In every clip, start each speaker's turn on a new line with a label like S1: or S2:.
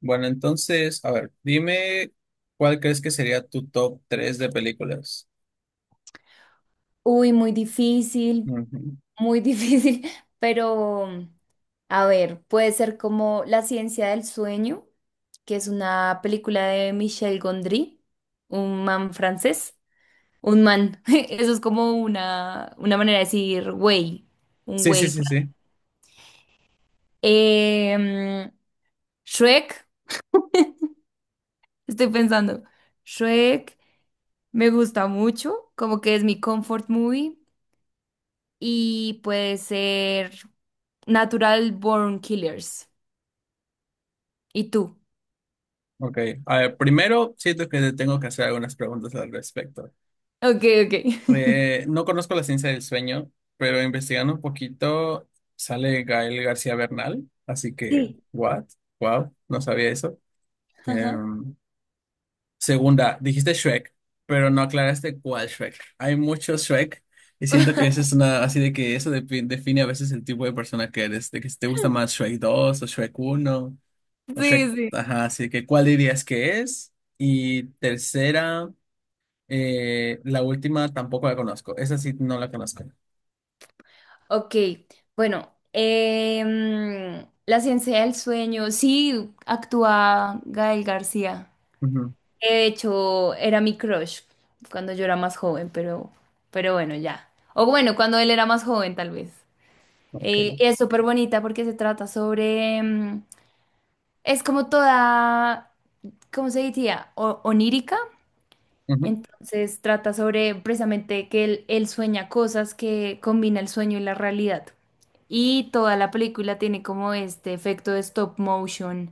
S1: Bueno, entonces, a ver, dime cuál crees que sería tu top 3 de películas.
S2: Uy, muy difícil,
S1: Ujú.
S2: muy difícil, pero a ver, puede ser como La Ciencia del Sueño, que es una película de Michel Gondry, un man francés, un man, eso es como una manera de decir güey, un
S1: Sí, sí,
S2: güey
S1: sí,
S2: francés.
S1: sí.
S2: Em, Shrek, estoy pensando, Shrek me gusta mucho, como que es mi comfort movie y puede ser Natural Born Killers. ¿Y tú?
S1: Ok. A ver, primero, siento que te tengo que hacer algunas preguntas al respecto.
S2: Ok, ok.
S1: No conozco la ciencia del sueño, pero investigando un poquito sale Gael García Bernal, así que,
S2: Sí.
S1: ¿what? Wow, no sabía eso.
S2: Ajá.
S1: Em, Segunda, dijiste Shrek, pero no aclaraste cuál Shrek. Hay muchos Shrek y siento que eso es una, así de que eso define a veces el tipo de persona que eres, de que si te gusta más Shrek dos o Shrek uno o Shrek,
S2: Sí, sí.
S1: ajá, así que ¿cuál dirías que es? Y tercera, la última tampoco la conozco, esa sí no la conozco.
S2: Ok, bueno, la Ciencia del Sueño, sí, actúa Gael García.
S1: Ujú.
S2: De hecho, era mi crush cuando yo era más joven, pero bueno, ya. O bueno, cuando él era más joven, tal vez. Y
S1: Ok.
S2: es súper bonita porque se trata sobre es como toda, ¿cómo se diría? Onírica.
S1: Ujú.
S2: Entonces trata sobre precisamente que él sueña cosas que combina el sueño y la realidad. Y toda la película tiene como este efecto de stop motion,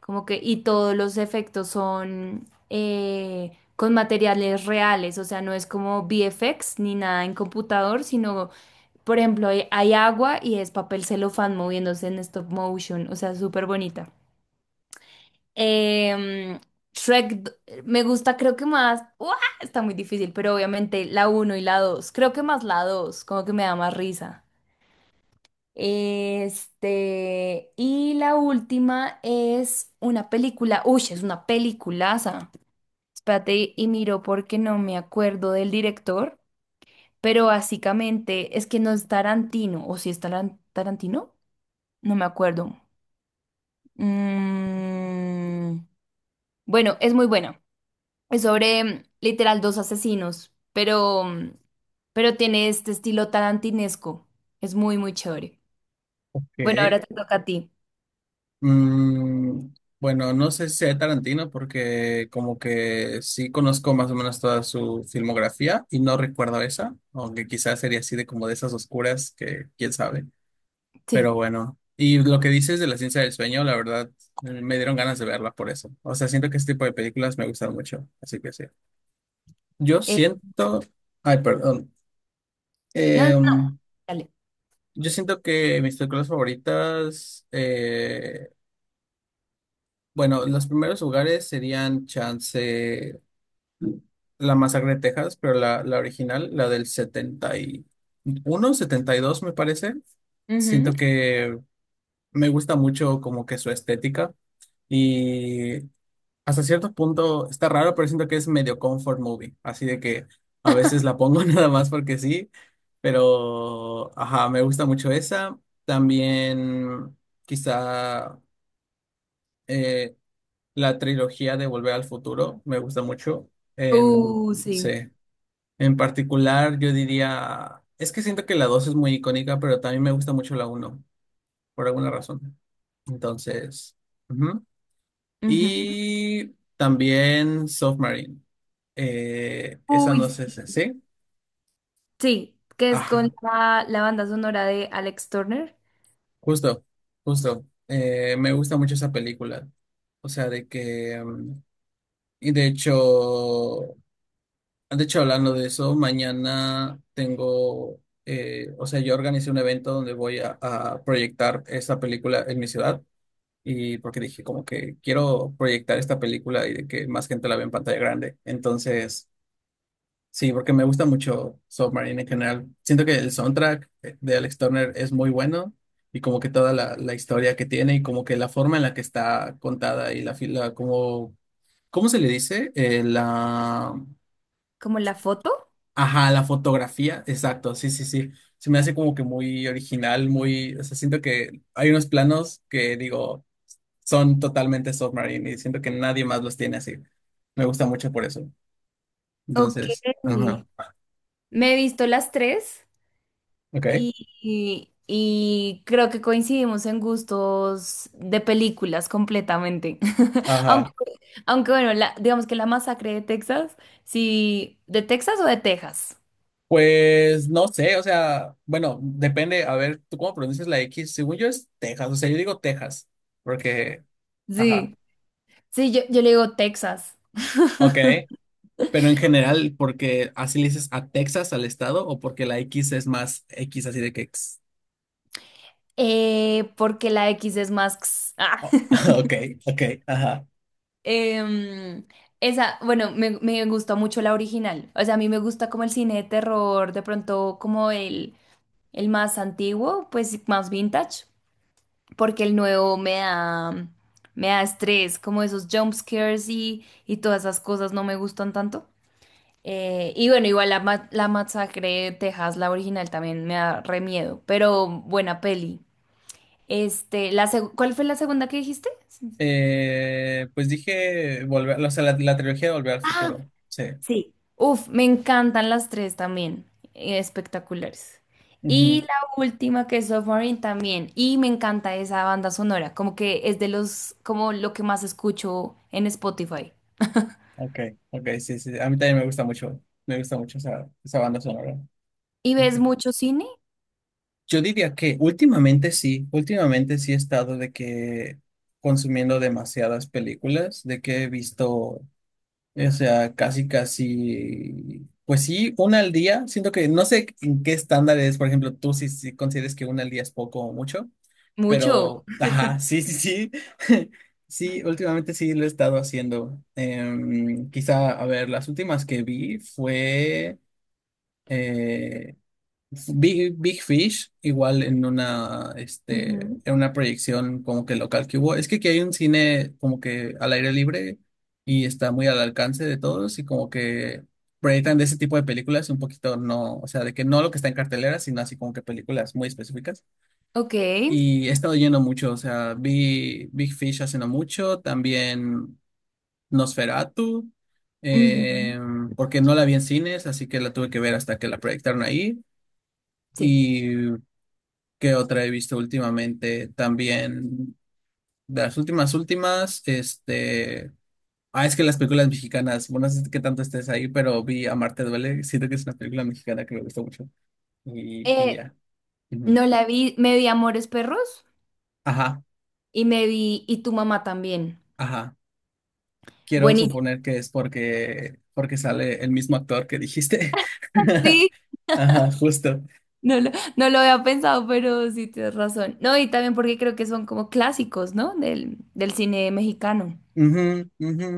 S2: como que, y todos los efectos son con materiales reales, o sea, no es como VFX ni nada en computador, sino, por ejemplo, hay agua y es papel celofán moviéndose en stop motion, o sea, súper bonita. Em, Shrek d- me gusta, creo que más. ¡Uah! Está muy difícil, pero obviamente la uno y la dos. Creo que más la dos, como que me da más risa. Este, y la última es una película. Uy, es una peliculaza. Espérate, y miro porque no me acuerdo del director, pero básicamente es que no es Tarantino, o si es Tarantino, no me acuerdo. Mm, bueno, es muy buena. Es sobre literal dos asesinos, pero, pero tiene este estilo tarantinesco. Es muy, muy chévere. Bueno,
S1: Ok.
S2: ahora te toca a ti.
S1: Mm, bueno, no sé si sea Tarantino porque como que sí conozco más o menos toda su filmografía y no recuerdo esa, aunque quizás sería así de como de esas oscuras que quién sabe. Pero
S2: Sí.
S1: bueno, y lo que dices de la ciencia del sueño, la verdad, me dieron ganas de verla por eso. O sea, siento que este tipo de películas me gustan mucho, así que sí. Yo
S2: Eh,
S1: siento, ay, perdón.
S2: no, no,
S1: Em,
S2: dale.
S1: yo siento que mis películas favoritas bueno, los primeros lugares serían Chance, la masacre de Texas, pero la original, la del 70, 71, 72 me parece. Siento que me gusta mucho como que su estética y hasta cierto punto está raro, pero siento que es medio comfort movie, así de que a veces la pongo nada más porque sí, pero ajá, me gusta mucho esa. También quizá, eh, la trilogía de Volver al Futuro me gusta mucho. En,
S2: Ujú.
S1: sí,
S2: Sí.
S1: en particular, yo diría, es que siento que la 2 es muy icónica, pero también me gusta mucho la uno por alguna razón. Entonces, ujú.
S2: Ujú.
S1: Y también Submarine. Esa
S2: Uy,
S1: no sé,
S2: sí,
S1: ¿sí?
S2: sí, que es
S1: Ah,
S2: con la banda sonora de Alex Turner,
S1: justo, justo. Me gusta mucho esa película. O sea, de que, y de hecho, de hecho, hablando de eso, mañana tengo, o sea, yo organicé un evento donde voy a proyectar esta película en mi ciudad y porque dije como que quiero proyectar esta película y de que más gente la vea en pantalla grande. Entonces, sí, porque me gusta mucho Submarine en general. Siento que el soundtrack de Alex Turner es muy bueno y como que toda la historia que tiene y como que la forma en la que está contada y la fila, como, ¿cómo se le dice?
S2: como la foto.
S1: Ajá, la fotografía, exacto, sí, sí, sí. Se me hace como que muy original, muy, o sea, siento que hay unos planos que digo, son totalmente Submarine y siento que nadie más los tiene así. Me gusta mucho por eso.
S2: Ok.
S1: Entonces, ajá,
S2: Me he visto las tres,
S1: ok,
S2: y creo que coincidimos en gustos de películas completamente. Aunque,
S1: ajá.
S2: aunque bueno, digamos que la masacre de Texas, sí, ¿de Texas o de Texas?
S1: Pues no sé, o sea, bueno, depende, a ver, ¿tú cómo pronuncias la X? Según yo es Texas, o sea, yo digo Texas, porque, ajá,
S2: Sí, sí, yo le digo Texas.
S1: ok, pero en general, ¿porque así le dices a Texas, al estado, o porque la X es más X así de que?
S2: Porque la X es más x. Ah.
S1: Oh, ok, ok, ajá.
S2: Em, esa, bueno, me gustó mucho la original. O sea, a mí me gusta como el cine de terror, de pronto como el más antiguo, pues más vintage. Porque el nuevo me da estrés, como esos jump scares y todas esas cosas no me gustan tanto. Y bueno, igual la masacre de Texas, la original, también me da re miedo, pero buena peli. Este, ¿cuál fue la segunda que dijiste?
S1: Pues dije volver, o sea, la trilogía de Volver al Futuro. Sí.
S2: Uf, me encantan las tres también, espectaculares. Y
S1: Ujú.
S2: la última que es Submarine también, y me encanta esa banda sonora, como que es de los, como lo que más escucho en Spotify.
S1: Ok, ok, sí, sí. A mí también me gusta mucho. Me gusta mucho esa banda sonora.
S2: ¿Y
S1: Ok.
S2: ves mucho cine?
S1: Yo diría que últimamente sí he estado de que consumiendo demasiadas películas, de que he visto, o sea, casi, casi, pues sí, una al día. Siento que no sé en qué estándar es, por ejemplo, tú si consideres que una al día es poco o mucho.
S2: Mucho.
S1: Pero, ajá, sí, sí, sí. Sí, últimamente sí lo he estado haciendo. Quizá, a ver, las últimas que vi fue eh, Big Fish, igual en una,
S2: Ujú.
S1: en una proyección como que local que hubo. Es que aquí hay un cine como que al aire libre y está muy al alcance de todos y como que proyectan de ese tipo de películas un poquito, no, o sea, de que no lo que está en cartelera, sino así como que películas muy específicas.
S2: Ok.
S1: Y he estado yendo mucho, o sea, vi Big Fish hace no mucho, también Nosferatu,
S2: Ujú.
S1: eh, porque no la vi en cines, así que la tuve que ver hasta que la proyectaron ahí.
S2: Sí.
S1: ¿Y qué otra he visto últimamente? También de las últimas, últimas. Ah, es que las películas mexicanas, bueno, no sé qué tanto estés ahí, pero vi Amarte Duele, siento que es una película mexicana que me gustó mucho. Y
S2: Eh,
S1: ya. Ujú.
S2: no la vi, me vi Amores Perros
S1: Ajá,
S2: y me vi Y Tu Mamá También.
S1: ajá. Quiero
S2: Buenísimo.
S1: suponer que es porque, porque sale el mismo actor que dijiste.
S2: Sí,
S1: Ajá, justo.
S2: no lo, no lo había pensado, pero sí tienes razón. No, y también porque creo que son como clásicos, ¿no? Del cine mexicano.
S1: Ujú, ujú.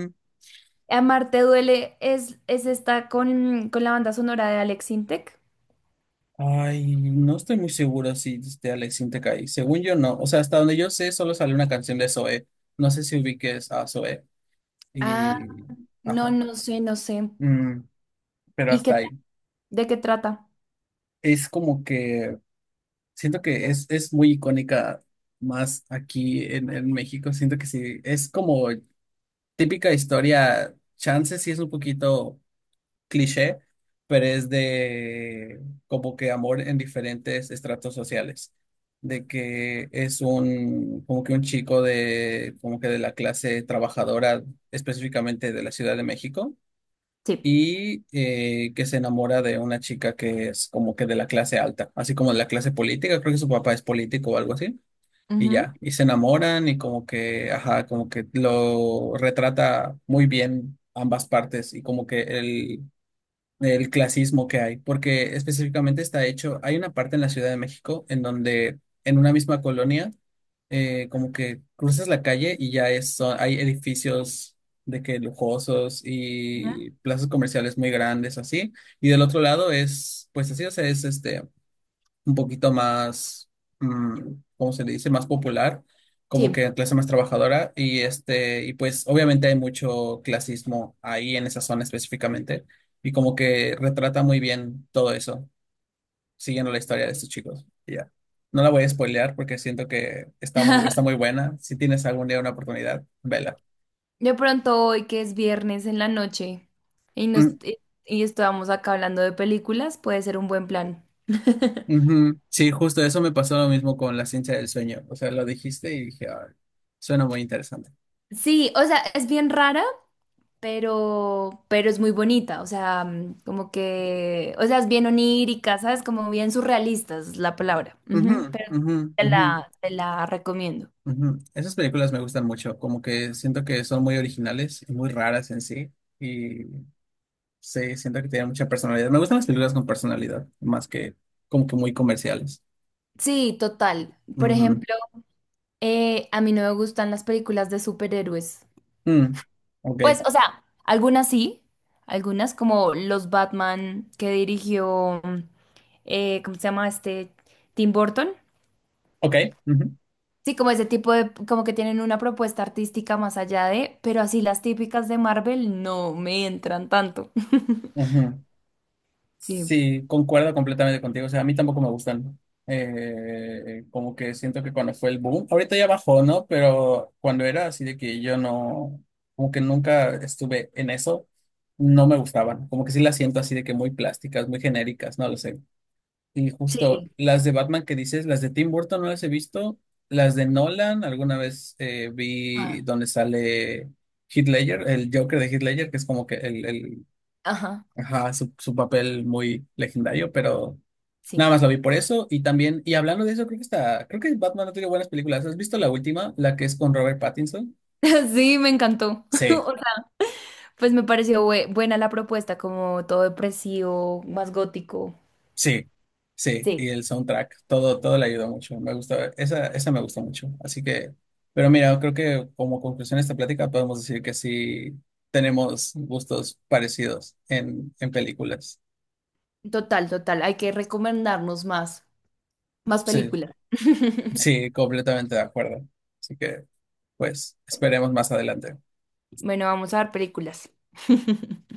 S2: Amarte Duele es esta con la banda sonora de Alex Sintek.
S1: Ay, no estoy muy seguro si de Alex Sintek. Según yo, no. O sea, hasta donde yo sé, solo sale una canción de Zoe. No sé si ubiques a Zoe.
S2: Ah,
S1: Y.
S2: no,
S1: Ajá.
S2: no sé, no sé.
S1: Mm, pero
S2: ¿Y
S1: hasta
S2: qué,
S1: ahí.
S2: de qué trata?
S1: Es como que, siento que es muy icónica más aquí en México. Siento que sí. Es como típica historia. Chance sí es un poquito cliché, pero es de como que amor en diferentes estratos sociales, de que es un, como que un chico de, como que de la clase trabajadora, específicamente de la Ciudad de México.
S2: Sí.
S1: Y que se enamora de una chica que es como que de la clase alta, así como de la clase política, creo que su papá es político o algo así, y
S2: Ujú.
S1: ya, y se enamoran y como que, ajá, como que lo retrata muy bien ambas partes y como que el clasismo que hay, porque específicamente está hecho, hay una parte en la Ciudad de México en donde, en una misma colonia, como que cruzas la calle y ya hay edificios de que lujosos
S2: Ujú.
S1: y plazas comerciales muy grandes así, y del otro lado es, pues así, o sea, es un poquito más, mm, ¿cómo se le dice? Más popular, como
S2: Sí.
S1: que clase más trabajadora. Y pues obviamente hay mucho clasismo ahí en esa zona específicamente. Y como que retrata muy bien todo eso, siguiendo la historia de estos chicos. Y ya. No la voy a spoilear porque siento que está muy buena. Si tienes algún día una oportunidad, vela.
S2: De pronto hoy que es viernes en la noche y nos
S1: Mm.
S2: y y estábamos acá hablando de películas, puede ser un buen plan.
S1: Ujú. Sí, justo eso me pasó lo mismo con La ciencia del sueño. O sea, lo dijiste y dije, "Ah, suena muy interesante".
S2: Sí, o sea, es bien rara, pero es muy bonita, o sea, como que, o sea, es bien onírica, ¿sabes? Como bien surrealista es la palabra.
S1: Ujú,
S2: Ujú, pero
S1: ujú, ujú.
S2: te la recomiendo.
S1: Ujú. Esas películas me gustan mucho, como que siento que son muy originales y muy raras en sí, y sí, siento que tienen mucha personalidad. Me gustan las películas con personalidad, más que como que muy comerciales.
S2: Sí, total. Por
S1: Ujú.
S2: ejemplo, a mí no me gustan las películas de superhéroes.
S1: Mm. Ok,
S2: Pues, o sea, algunas sí, algunas como los Batman que dirigió, ¿cómo se llama este? Tim Burton.
S1: ok. Ujú.
S2: Sí, como ese tipo de, como que tienen una propuesta artística más allá de, pero así las típicas de Marvel no me entran tanto.
S1: Ujú.
S2: Sí.
S1: Sí, concuerdo completamente contigo. O sea, a mí tampoco me gustan. Como que siento que cuando fue el boom, ahorita ya bajó, ¿no? Pero cuando era así de que yo no, como que nunca estuve en eso, no me gustaban. Como que sí las siento así de que muy plásticas, muy genéricas, no lo sé. Y justo
S2: Sí.
S1: las de Batman que dices, las de Tim Burton no las he visto. Las de Nolan, alguna vez vi
S2: Ah,
S1: donde sale Heath Ledger, el Joker de Heath Ledger, que es como que el
S2: ajá,
S1: ajá, su papel muy legendario, pero
S2: sí.
S1: nada más lo vi por eso. Y también, y hablando de eso, creo que está, creo que Batman ha tenido buenas películas. ¿Has visto la última, la que es con Robert Pattinson?
S2: Sí, me encantó.
S1: Sí,
S2: O sea, pues me pareció buena la propuesta, como todo depresivo, más gótico.
S1: sí, sí.
S2: Sí.
S1: Y el soundtrack, todo, todo le ayudó mucho. Me gusta, esa me gusta mucho. Así que, pero mira, creo que como conclusión de esta plática podemos decir que sí tenemos gustos parecidos en películas.
S2: Total, total. Hay que recomendarnos más. Más
S1: Sí,
S2: películas.
S1: sí, completamente de acuerdo. Así que, pues, esperemos más adelante.
S2: Bueno, vamos a ver películas.